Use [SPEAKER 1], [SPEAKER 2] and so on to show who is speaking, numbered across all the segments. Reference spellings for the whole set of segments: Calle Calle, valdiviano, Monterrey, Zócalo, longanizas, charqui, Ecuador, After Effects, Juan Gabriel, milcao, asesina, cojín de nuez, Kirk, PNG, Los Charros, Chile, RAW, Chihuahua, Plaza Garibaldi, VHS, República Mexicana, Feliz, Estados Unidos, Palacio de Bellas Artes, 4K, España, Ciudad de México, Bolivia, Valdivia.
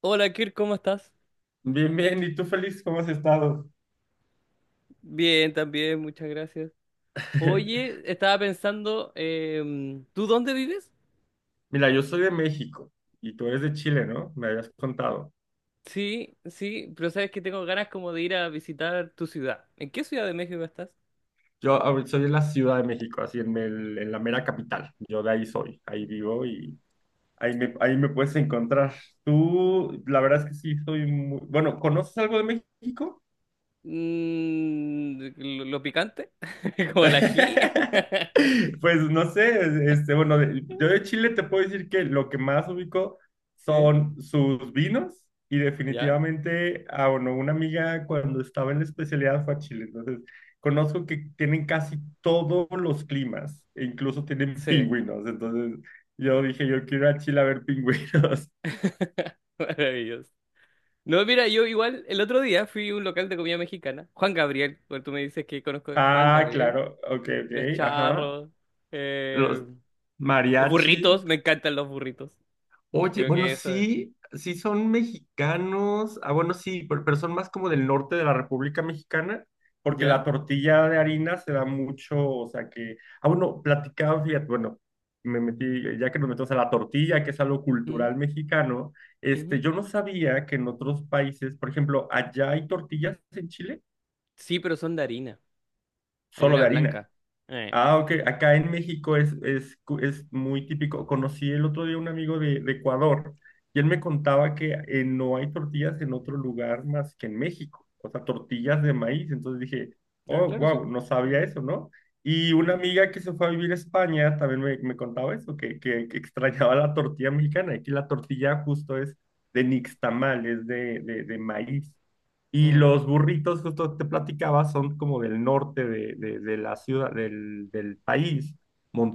[SPEAKER 1] Hola Kirk, ¿cómo estás?
[SPEAKER 2] Bien, bien. ¿Y tú, Feliz, cómo has estado?
[SPEAKER 1] Bien, también, muchas gracias. Oye, estaba pensando, ¿tú dónde vives?
[SPEAKER 2] Mira, yo soy de México y tú eres de Chile, ¿no? Me habías contado.
[SPEAKER 1] Sí, sí, pero sabes que tengo ganas como de ir a visitar tu ciudad. ¿En qué ciudad de México estás?
[SPEAKER 2] Soy de la Ciudad de México, así en la mera capital. Yo de ahí soy, ahí vivo y ahí me puedes encontrar. Tú, la verdad es que sí, soy muy... Bueno, ¿conoces algo de México?
[SPEAKER 1] Mm, ¿lo picante? ¿Como el ají?
[SPEAKER 2] Pues no sé, bueno, yo de Chile te puedo decir que lo que más ubico
[SPEAKER 1] ¿Eh?
[SPEAKER 2] son sus vinos y
[SPEAKER 1] ¿Ya?
[SPEAKER 2] definitivamente, ah, bueno, una amiga cuando estaba en la especialidad fue a Chile, entonces conozco que tienen casi todos los climas, e incluso tienen
[SPEAKER 1] Sí.
[SPEAKER 2] pingüinos, entonces yo dije, yo quiero ir a Chile a ver pingüinos.
[SPEAKER 1] ¡Maravilloso! No, mira, yo igual el otro día fui a un local de comida mexicana, Juan Gabriel, porque tú me dices que conozco Juan
[SPEAKER 2] Ah,
[SPEAKER 1] Gabriel,
[SPEAKER 2] claro, ok,
[SPEAKER 1] Los
[SPEAKER 2] ok, ajá.
[SPEAKER 1] Charros,
[SPEAKER 2] Los
[SPEAKER 1] em, Los
[SPEAKER 2] mariachi.
[SPEAKER 1] burritos, me encantan los burritos.
[SPEAKER 2] Oye,
[SPEAKER 1] Creo
[SPEAKER 2] bueno,
[SPEAKER 1] que eso es.
[SPEAKER 2] sí, sí son mexicanos. Ah, bueno, sí, pero son más como del norte de la República Mexicana, porque la
[SPEAKER 1] ¿Ya?
[SPEAKER 2] tortilla de harina se da mucho, o sea que, ah, bueno, platicaba, fíjate, bueno, me metí, ya que nos metemos a la tortilla, que es algo
[SPEAKER 1] Mm,
[SPEAKER 2] cultural mexicano,
[SPEAKER 1] ujú.
[SPEAKER 2] yo no sabía que en otros países, por ejemplo, allá hay tortillas en Chile,
[SPEAKER 1] Sí, pero son de harina.
[SPEAKER 2] solo
[SPEAKER 1] Harina
[SPEAKER 2] de harina.
[SPEAKER 1] blanca. Eh.
[SPEAKER 2] Ah, ok. Acá en México es muy típico. Conocí el otro día un amigo de Ecuador y él me contaba que no hay tortillas en otro lugar más que en México. O sea, tortillas de maíz. Entonces dije,
[SPEAKER 1] Ah,
[SPEAKER 2] oh,
[SPEAKER 1] claro, sí.
[SPEAKER 2] wow, no
[SPEAKER 1] Mm,
[SPEAKER 2] sabía eso, ¿no? Y una amiga que se fue a vivir a España también me contaba eso, que extrañaba la tortilla mexicana. Aquí la tortilla justo es de nixtamal, es de maíz. Y
[SPEAKER 1] mm,
[SPEAKER 2] los burritos, justo te platicaba, son como del norte de la ciudad, del país,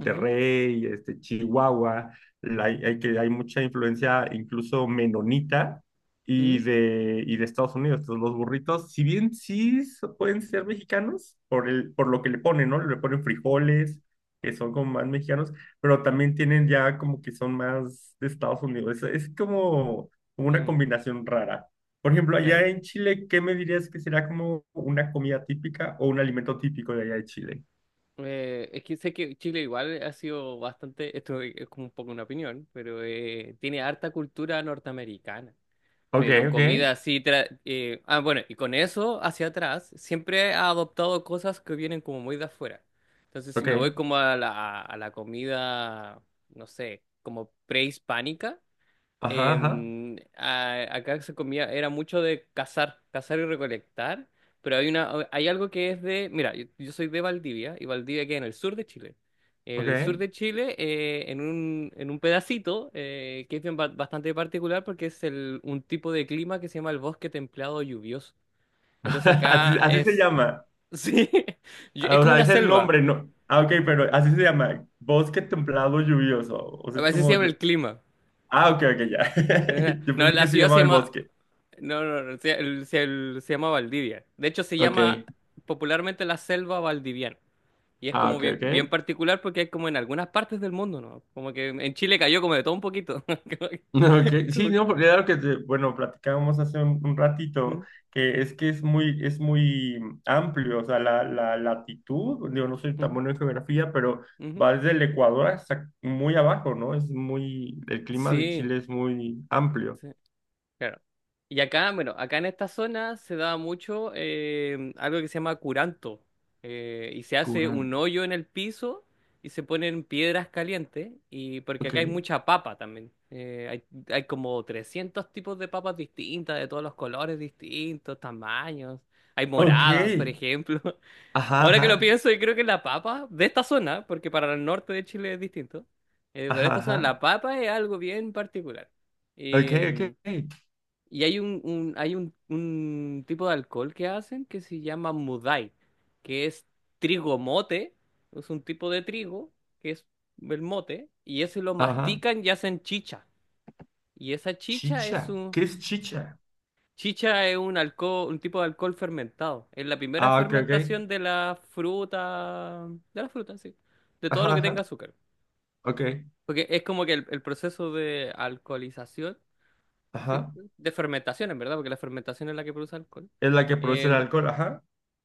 [SPEAKER 1] ujú,
[SPEAKER 2] Chihuahua, hay mucha influencia incluso menonita
[SPEAKER 1] mm,
[SPEAKER 2] y de Estados Unidos. Entonces los burritos, si bien pueden ser mexicanos, por lo que le ponen, ¿no? Le ponen
[SPEAKER 1] mm,
[SPEAKER 2] frijoles, que son como más mexicanos, pero también tienen ya como que son más de Estados Unidos. Es como como una
[SPEAKER 1] mm.
[SPEAKER 2] combinación rara. Por ejemplo,
[SPEAKER 1] Claro.
[SPEAKER 2] allá en Chile, ¿qué me dirías que será como una comida típica o un alimento típico de allá de Chile?
[SPEAKER 1] Es que sé que Chile igual ha sido bastante, esto es como un poco una opinión, pero tiene harta cultura norteamericana.
[SPEAKER 2] Ok,
[SPEAKER 1] Pero
[SPEAKER 2] ok,
[SPEAKER 1] comida así... bueno, y con eso hacia atrás, siempre ha adoptado cosas que vienen como muy de afuera. Entonces, si
[SPEAKER 2] ok.
[SPEAKER 1] me voy como a la comida, no sé, como prehispánica.
[SPEAKER 2] Ajá, ajá,
[SPEAKER 1] Acá se comía, era mucho de cazar, cazar y recolectar, pero hay una, hay algo que es de, mira, yo soy de Valdivia, y Valdivia queda en el sur de Chile. El sur
[SPEAKER 2] ok.
[SPEAKER 1] de Chile, en un pedacito que es bastante particular porque es el, un tipo de clima que se llama el bosque templado lluvioso. Entonces acá
[SPEAKER 2] Así, así se
[SPEAKER 1] es,
[SPEAKER 2] llama.
[SPEAKER 1] sí,
[SPEAKER 2] Ah,
[SPEAKER 1] es
[SPEAKER 2] o
[SPEAKER 1] como
[SPEAKER 2] sea,
[SPEAKER 1] una
[SPEAKER 2] es el
[SPEAKER 1] selva,
[SPEAKER 2] nombre, ¿no? Ah, ok, pero así se llama. Bosque templado lluvioso. O sea, es
[SPEAKER 1] así se
[SPEAKER 2] como
[SPEAKER 1] llama
[SPEAKER 2] yo.
[SPEAKER 1] el clima.
[SPEAKER 2] Ah, ok, ok, ya. Yo
[SPEAKER 1] No,
[SPEAKER 2] pensé
[SPEAKER 1] la
[SPEAKER 2] que se
[SPEAKER 1] ciudad se
[SPEAKER 2] llamaba el
[SPEAKER 1] llama.
[SPEAKER 2] bosque.
[SPEAKER 1] No, no, no, se, el- se- el- Se llama Valdivia. De hecho, se
[SPEAKER 2] Ok,
[SPEAKER 1] llama popularmente la selva valdiviana. Y es
[SPEAKER 2] ah,
[SPEAKER 1] como
[SPEAKER 2] ok,
[SPEAKER 1] bien, bien
[SPEAKER 2] ok.
[SPEAKER 1] particular porque es como en algunas partes del mundo, ¿no? Como que en Chile cayó como de todo un poquito. Como que-
[SPEAKER 2] Ok,
[SPEAKER 1] como
[SPEAKER 2] sí,
[SPEAKER 1] que-
[SPEAKER 2] no, porque era lo que, bueno, platicábamos hace un ratito,
[SPEAKER 1] ujú,
[SPEAKER 2] que es muy amplio, o sea, la latitud, digo, no soy tan bueno en geografía, pero
[SPEAKER 1] ujú, ujú.
[SPEAKER 2] va desde el Ecuador hasta muy abajo, ¿no? Es muy, el clima de
[SPEAKER 1] Sí,
[SPEAKER 2] Chile es muy amplio.
[SPEAKER 1] sí. Claro. Y acá, bueno, acá en esta zona se da mucho algo que se llama curanto. Y se hace un
[SPEAKER 2] Curanto.
[SPEAKER 1] hoyo en el piso y se ponen piedras calientes. Y porque
[SPEAKER 2] Ok.
[SPEAKER 1] acá hay mucha papa también. Hay como 300 tipos de papas distintas, de todos los colores distintos, tamaños. Hay
[SPEAKER 2] Ok.
[SPEAKER 1] moradas, por ejemplo.
[SPEAKER 2] Ajá,
[SPEAKER 1] Ahora que lo
[SPEAKER 2] ajá,
[SPEAKER 1] pienso, yo creo que la papa de esta zona, porque para el norte de Chile es distinto, pero
[SPEAKER 2] ajá,
[SPEAKER 1] esta zona,
[SPEAKER 2] ajá.
[SPEAKER 1] la papa es algo bien particular.
[SPEAKER 2] Ok, ok, ok.
[SPEAKER 1] Y hay un tipo de alcohol que hacen que se llama mudai, que es trigo mote, es un tipo de trigo, que es el mote, y ese lo
[SPEAKER 2] Ajá.
[SPEAKER 1] mastican y hacen chicha. Y esa chicha es
[SPEAKER 2] Chicha.
[SPEAKER 1] un...
[SPEAKER 2] ¿Qué es
[SPEAKER 1] se-
[SPEAKER 2] chicha?
[SPEAKER 1] Chicha es un alcohol, un tipo de alcohol fermentado. Es la primera
[SPEAKER 2] Ah, ok, ok.
[SPEAKER 1] fermentación de la fruta, sí, de todo lo
[SPEAKER 2] Ajá,
[SPEAKER 1] que
[SPEAKER 2] ajá.
[SPEAKER 1] tenga azúcar.
[SPEAKER 2] Ok,
[SPEAKER 1] Porque es como que el proceso de alcoholización. Sí,
[SPEAKER 2] ajá.
[SPEAKER 1] de fermentación, en verdad, porque la fermentación es la que produce alcohol.
[SPEAKER 2] Es la que produce el
[SPEAKER 1] Eh,
[SPEAKER 2] alcohol, ajá.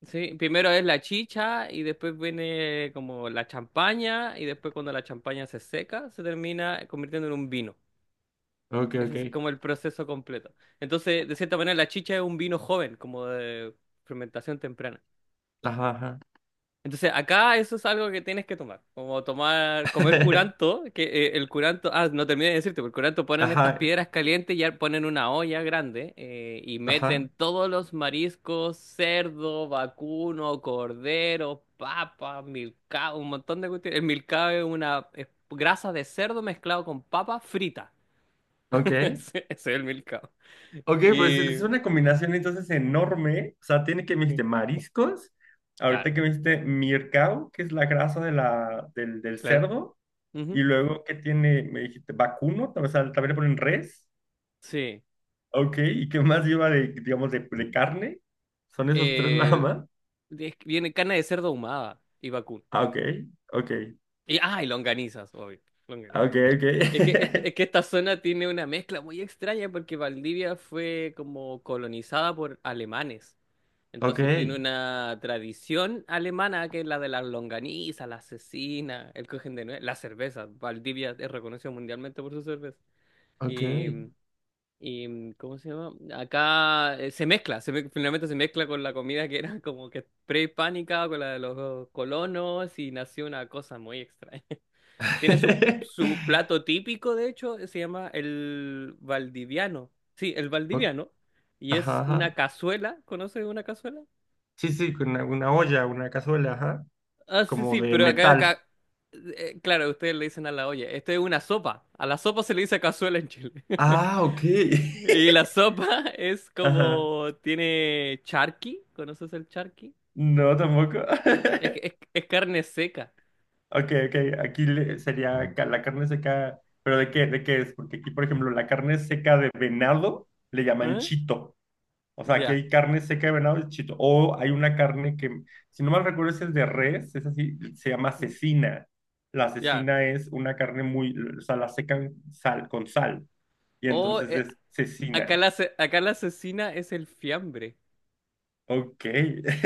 [SPEAKER 1] sí, primero es la chicha y después viene como la champaña y después cuando la champaña se seca se termina convirtiendo en un vino.
[SPEAKER 2] Ok,
[SPEAKER 1] Ese
[SPEAKER 2] ok.
[SPEAKER 1] es como el proceso completo. Entonces, de cierta manera, la chicha es un vino joven, como de fermentación temprana.
[SPEAKER 2] Ajá, ajá.
[SPEAKER 1] Entonces, acá eso es algo que tienes que tomar, como tomar, comer curanto, que el curanto, ah, no terminé de decirte, pero el curanto ponen estas
[SPEAKER 2] Ajá,
[SPEAKER 1] piedras calientes y ya ponen una olla grande y meten
[SPEAKER 2] ajá.
[SPEAKER 1] todos los mariscos, cerdo, vacuno, cordero, papa, milcao, un montón de cuestiones. El milcao es una es grasa de cerdo mezclado con papa frita.
[SPEAKER 2] Ok.
[SPEAKER 1] Ese es el milcao.
[SPEAKER 2] Ok, pues
[SPEAKER 1] Y...
[SPEAKER 2] es una combinación entonces enorme. O sea, tiene que me
[SPEAKER 1] Sí.
[SPEAKER 2] dijiste mariscos.
[SPEAKER 1] Claro,
[SPEAKER 2] Ahorita que me dijiste mircao, que es la grasa de la, del
[SPEAKER 1] claro.
[SPEAKER 2] cerdo. Y
[SPEAKER 1] Ujú.
[SPEAKER 2] luego que tiene, me dijiste vacuno, o sea, también le ponen res.
[SPEAKER 1] Sí.
[SPEAKER 2] Ok, ¿y qué más lleva de, digamos, de carne? Son esos tres nada
[SPEAKER 1] Eh,
[SPEAKER 2] más.
[SPEAKER 1] viene carne de cerdo ahumada y vacuno.
[SPEAKER 2] Ah, ok, ok,
[SPEAKER 1] Y, ah, y longanizas, obvio. Longanizas.
[SPEAKER 2] ok, ok.
[SPEAKER 1] Es que esta zona tiene una mezcla muy extraña porque Valdivia fue como colonizada por alemanes.
[SPEAKER 2] Ok,
[SPEAKER 1] Entonces tiene una tradición alemana que es la de las longanizas, la asesina, el cojín de nuez, la cerveza. Valdivia es reconocido mundialmente por su cerveza.
[SPEAKER 2] ok.
[SPEAKER 1] Y, ¿cómo se llama? Acá se mezcla, finalmente se mezcla con la comida que era como que prehispánica, con la de los colonos, y nació una cosa muy extraña. Tiene su, su plato típico, de hecho, se llama el valdiviano. Sí, el
[SPEAKER 2] Ok,
[SPEAKER 1] valdiviano. Y
[SPEAKER 2] ajá,
[SPEAKER 1] es
[SPEAKER 2] ajá.
[SPEAKER 1] una cazuela, ¿conoces una cazuela?
[SPEAKER 2] Sí, sí, con una olla, una cazuela, ajá.
[SPEAKER 1] Ah, sí,
[SPEAKER 2] Como
[SPEAKER 1] sí,
[SPEAKER 2] de
[SPEAKER 1] pero
[SPEAKER 2] metal.
[SPEAKER 1] claro, ustedes le dicen a la olla, esto es una sopa. A la sopa se le dice cazuela en Chile.
[SPEAKER 2] Ah, ok.
[SPEAKER 1] Y la sopa es
[SPEAKER 2] Ajá.
[SPEAKER 1] como tiene charqui, ¿conoces el charqui?
[SPEAKER 2] No, tampoco.
[SPEAKER 1] Es carne seca.
[SPEAKER 2] Ok, ok. Sería la carne seca. ¿Pero de qué? ¿De qué es? Porque aquí, por ejemplo, la carne seca de venado le llaman
[SPEAKER 1] ¿Eh?
[SPEAKER 2] chito. O sea, aquí
[SPEAKER 1] Ya.
[SPEAKER 2] hay carne seca de venado y chito. O hay una carne que, si no mal recuerdo, es el de res, es así, se llama
[SPEAKER 1] ¿Mm?
[SPEAKER 2] cecina. La
[SPEAKER 1] Ya.
[SPEAKER 2] cecina es una carne muy, o sea, la secan sal, con sal. Y
[SPEAKER 1] O
[SPEAKER 2] entonces es
[SPEAKER 1] acá
[SPEAKER 2] cecina.
[SPEAKER 1] la, acá la asesina es el fiambre.
[SPEAKER 2] Ok.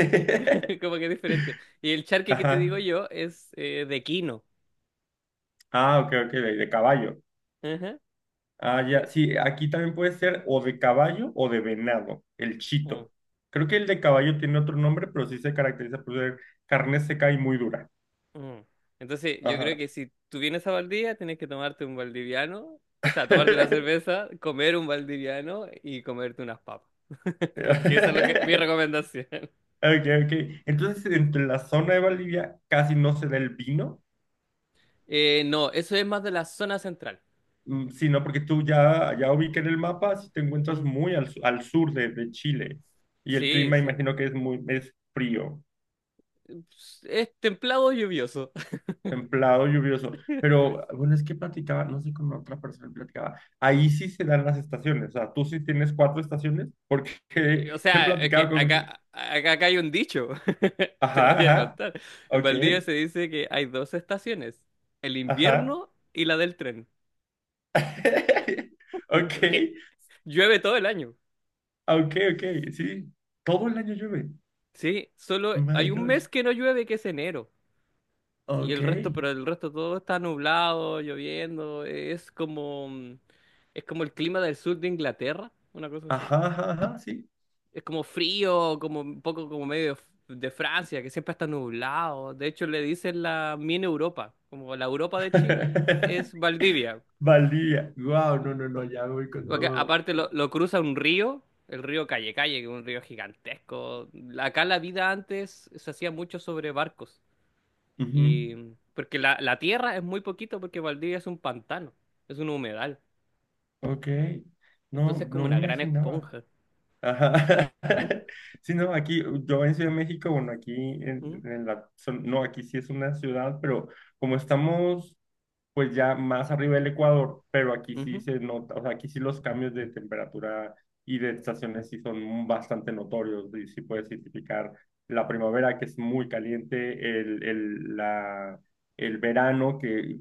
[SPEAKER 1] Es como que es diferente. Y el charqui que te
[SPEAKER 2] Ajá.
[SPEAKER 1] digo yo es de quino.
[SPEAKER 2] Ah, ok, ok, de caballo.
[SPEAKER 1] Ajá,
[SPEAKER 2] Ah, ya.
[SPEAKER 1] sí.
[SPEAKER 2] Sí, aquí también puede ser o de caballo o de venado, el
[SPEAKER 1] Mm,
[SPEAKER 2] chito. Creo que el de caballo tiene otro nombre, pero sí se caracteriza por ser carne seca y muy dura.
[SPEAKER 1] mm. Entonces, yo creo
[SPEAKER 2] Ajá.
[SPEAKER 1] que si tú vienes a Valdivia, tienes que tomarte un valdiviano, o sea, tomarte una cerveza, comer un valdiviano y comerte unas papas. Como que esa es lo que, mi recomendación.
[SPEAKER 2] Ok, ok. Entonces,
[SPEAKER 1] Y-
[SPEAKER 2] entre la zona de Bolivia casi no se da el vino.
[SPEAKER 1] no, eso es más de la zona central.
[SPEAKER 2] Mm, sí, no, porque tú ya, ya ubiqué en el mapa, si te encuentras
[SPEAKER 1] Mm,
[SPEAKER 2] muy al sur de Chile y el
[SPEAKER 1] sí,
[SPEAKER 2] clima
[SPEAKER 1] sí.
[SPEAKER 2] imagino que es frío,
[SPEAKER 1] Es templado lluvioso.
[SPEAKER 2] templado, lluvioso, pero bueno, es que platicaba, no sé con otra persona platicaba, ahí sí se dan las estaciones, o sea, tú sí tienes cuatro estaciones porque
[SPEAKER 1] O
[SPEAKER 2] he
[SPEAKER 1] sea, es que
[SPEAKER 2] platicado con,
[SPEAKER 1] acá hay un dicho. Te lo
[SPEAKER 2] ajá,
[SPEAKER 1] voy a
[SPEAKER 2] ajá,
[SPEAKER 1] contar. En
[SPEAKER 2] ok,
[SPEAKER 1] Valdivia se dice que hay dos estaciones, el
[SPEAKER 2] ajá,
[SPEAKER 1] invierno y la del tren.
[SPEAKER 2] ok,
[SPEAKER 1] Porque llueve todo el año.
[SPEAKER 2] ok, ok, sí, todo el año llueve,
[SPEAKER 1] Sí, solo
[SPEAKER 2] my
[SPEAKER 1] hay un
[SPEAKER 2] gosh,
[SPEAKER 1] mes que no llueve, que es enero. Y
[SPEAKER 2] ok.
[SPEAKER 1] el resto, pero el resto todo está nublado, lloviendo, es como, es como el clima del sur de Inglaterra, una cosa así.
[SPEAKER 2] Ajá, ajá, ajá, sí.
[SPEAKER 1] Es como frío, como un poco como medio de, de Francia, que siempre está nublado. De hecho, le dicen la mini Europa, como la Europa de Chile es Valdivia.
[SPEAKER 2] Valdivia. Wow, no, no, no, ya voy con
[SPEAKER 1] Porque
[SPEAKER 2] todo.
[SPEAKER 1] aparte lo cruza un río, el río Calle Calle, que es un río gigantesco. Acá la vida antes se hacía mucho sobre barcos.
[SPEAKER 2] Ujú,
[SPEAKER 1] Y porque la tierra es muy poquito porque Valdivia es un pantano, es un humedal.
[SPEAKER 2] ok.
[SPEAKER 1] Entonces
[SPEAKER 2] No,
[SPEAKER 1] es como
[SPEAKER 2] no me
[SPEAKER 1] una gran
[SPEAKER 2] imaginaba.
[SPEAKER 1] esponja.
[SPEAKER 2] Ajá.
[SPEAKER 1] Ujú,
[SPEAKER 2] Sí, no, aquí, yo en Ciudad de México, bueno, aquí
[SPEAKER 1] ujú,
[SPEAKER 2] en la, no, aquí sí es una ciudad, pero como estamos pues ya más arriba del Ecuador, pero aquí sí
[SPEAKER 1] ujú,
[SPEAKER 2] se nota, o sea, aquí sí los cambios de temperatura y de estaciones sí son bastante notorios, y sí puedes identificar la primavera que es muy caliente, el verano que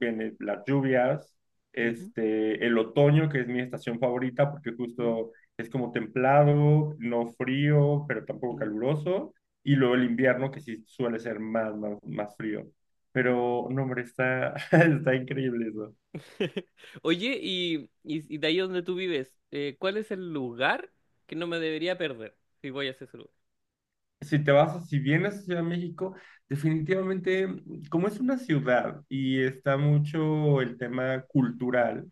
[SPEAKER 2] viene las lluvias,
[SPEAKER 1] ujú,
[SPEAKER 2] el otoño que es mi estación favorita porque
[SPEAKER 1] ujú,
[SPEAKER 2] justo es como templado, no frío, pero tampoco
[SPEAKER 1] ujú,
[SPEAKER 2] caluroso, y luego el
[SPEAKER 1] ujú.
[SPEAKER 2] invierno que sí suele ser más frío. Pero, no, hombre, está, está increíble eso.
[SPEAKER 1] Oye, y de ahí donde tú vives, ¿cuál es el lugar que no me debería perder si voy a ese lugar?
[SPEAKER 2] Si te vas, si vienes a Ciudad de México, definitivamente, como es una ciudad y está mucho el tema cultural,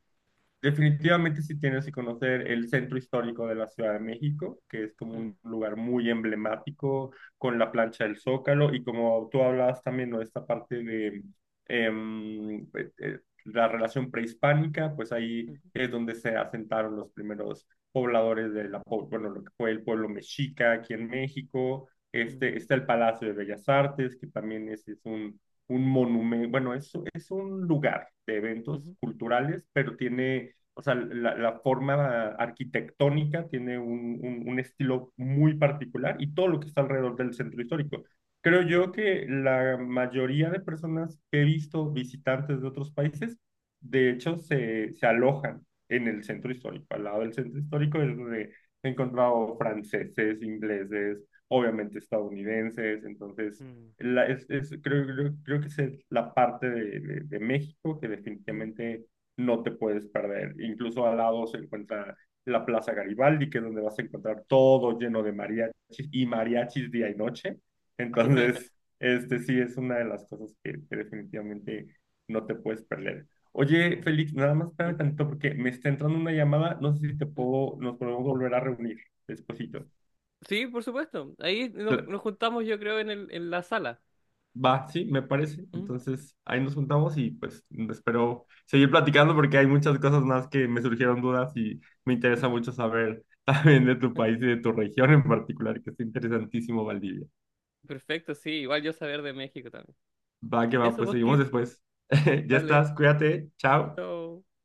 [SPEAKER 2] definitivamente sí tienes que conocer el centro histórico de la Ciudad de México, que es como
[SPEAKER 1] Mm,
[SPEAKER 2] un lugar muy emblemático con la plancha del Zócalo y como tú hablabas también no esta parte de la relación prehispánica, pues ahí
[SPEAKER 1] ujú,
[SPEAKER 2] es donde se asentaron los primeros pobladores de la, bueno, lo que fue el pueblo mexica aquí en México. Este,
[SPEAKER 1] ujú,
[SPEAKER 2] está el Palacio de Bellas Artes, que también es un monumento, bueno, es un lugar de eventos
[SPEAKER 1] ujú,
[SPEAKER 2] culturales, pero tiene o sea, la forma arquitectónica tiene un, un estilo muy particular y todo lo que está alrededor del centro histórico. Creo yo que la mayoría de personas que he visto visitantes de otros países, de hecho, se alojan en el centro histórico. Al lado del centro histórico
[SPEAKER 1] ujú,
[SPEAKER 2] es donde he encontrado franceses, ingleses, obviamente estadounidenses, entonces
[SPEAKER 1] ujú,
[SPEAKER 2] creo, creo que esa es la parte de México que
[SPEAKER 1] ujú, ujú.
[SPEAKER 2] definitivamente no te puedes perder. Incluso al lado se encuentra la Plaza Garibaldi, que es donde vas a encontrar todo lleno de mariachis y mariachis día y noche. Entonces, este sí es una de las cosas que definitivamente no te puedes perder. Oye,
[SPEAKER 1] Mm,
[SPEAKER 2] Félix, nada más espérame
[SPEAKER 1] mm,
[SPEAKER 2] tantito porque me está entrando una llamada. No sé si te
[SPEAKER 1] mm.
[SPEAKER 2] puedo, nos podemos volver a reunir despuesito.
[SPEAKER 1] Sí, por supuesto. Ahí nos, nos juntamos, yo creo, en en la sala.
[SPEAKER 2] Va, sí, me parece. Entonces, ahí nos juntamos y pues espero seguir platicando porque hay muchas cosas más que me surgieron dudas y me interesa mucho saber también de tu país y de tu región en particular, que es interesantísimo, Valdivia.
[SPEAKER 1] Perfecto, sí, igual yo saber de México también.
[SPEAKER 2] Va, que va,
[SPEAKER 1] Eso,
[SPEAKER 2] pues
[SPEAKER 1] pues,
[SPEAKER 2] seguimos
[SPEAKER 1] Kirk,
[SPEAKER 2] después. Ya
[SPEAKER 1] dale,
[SPEAKER 2] estás, cuídate, chao.
[SPEAKER 1] chao.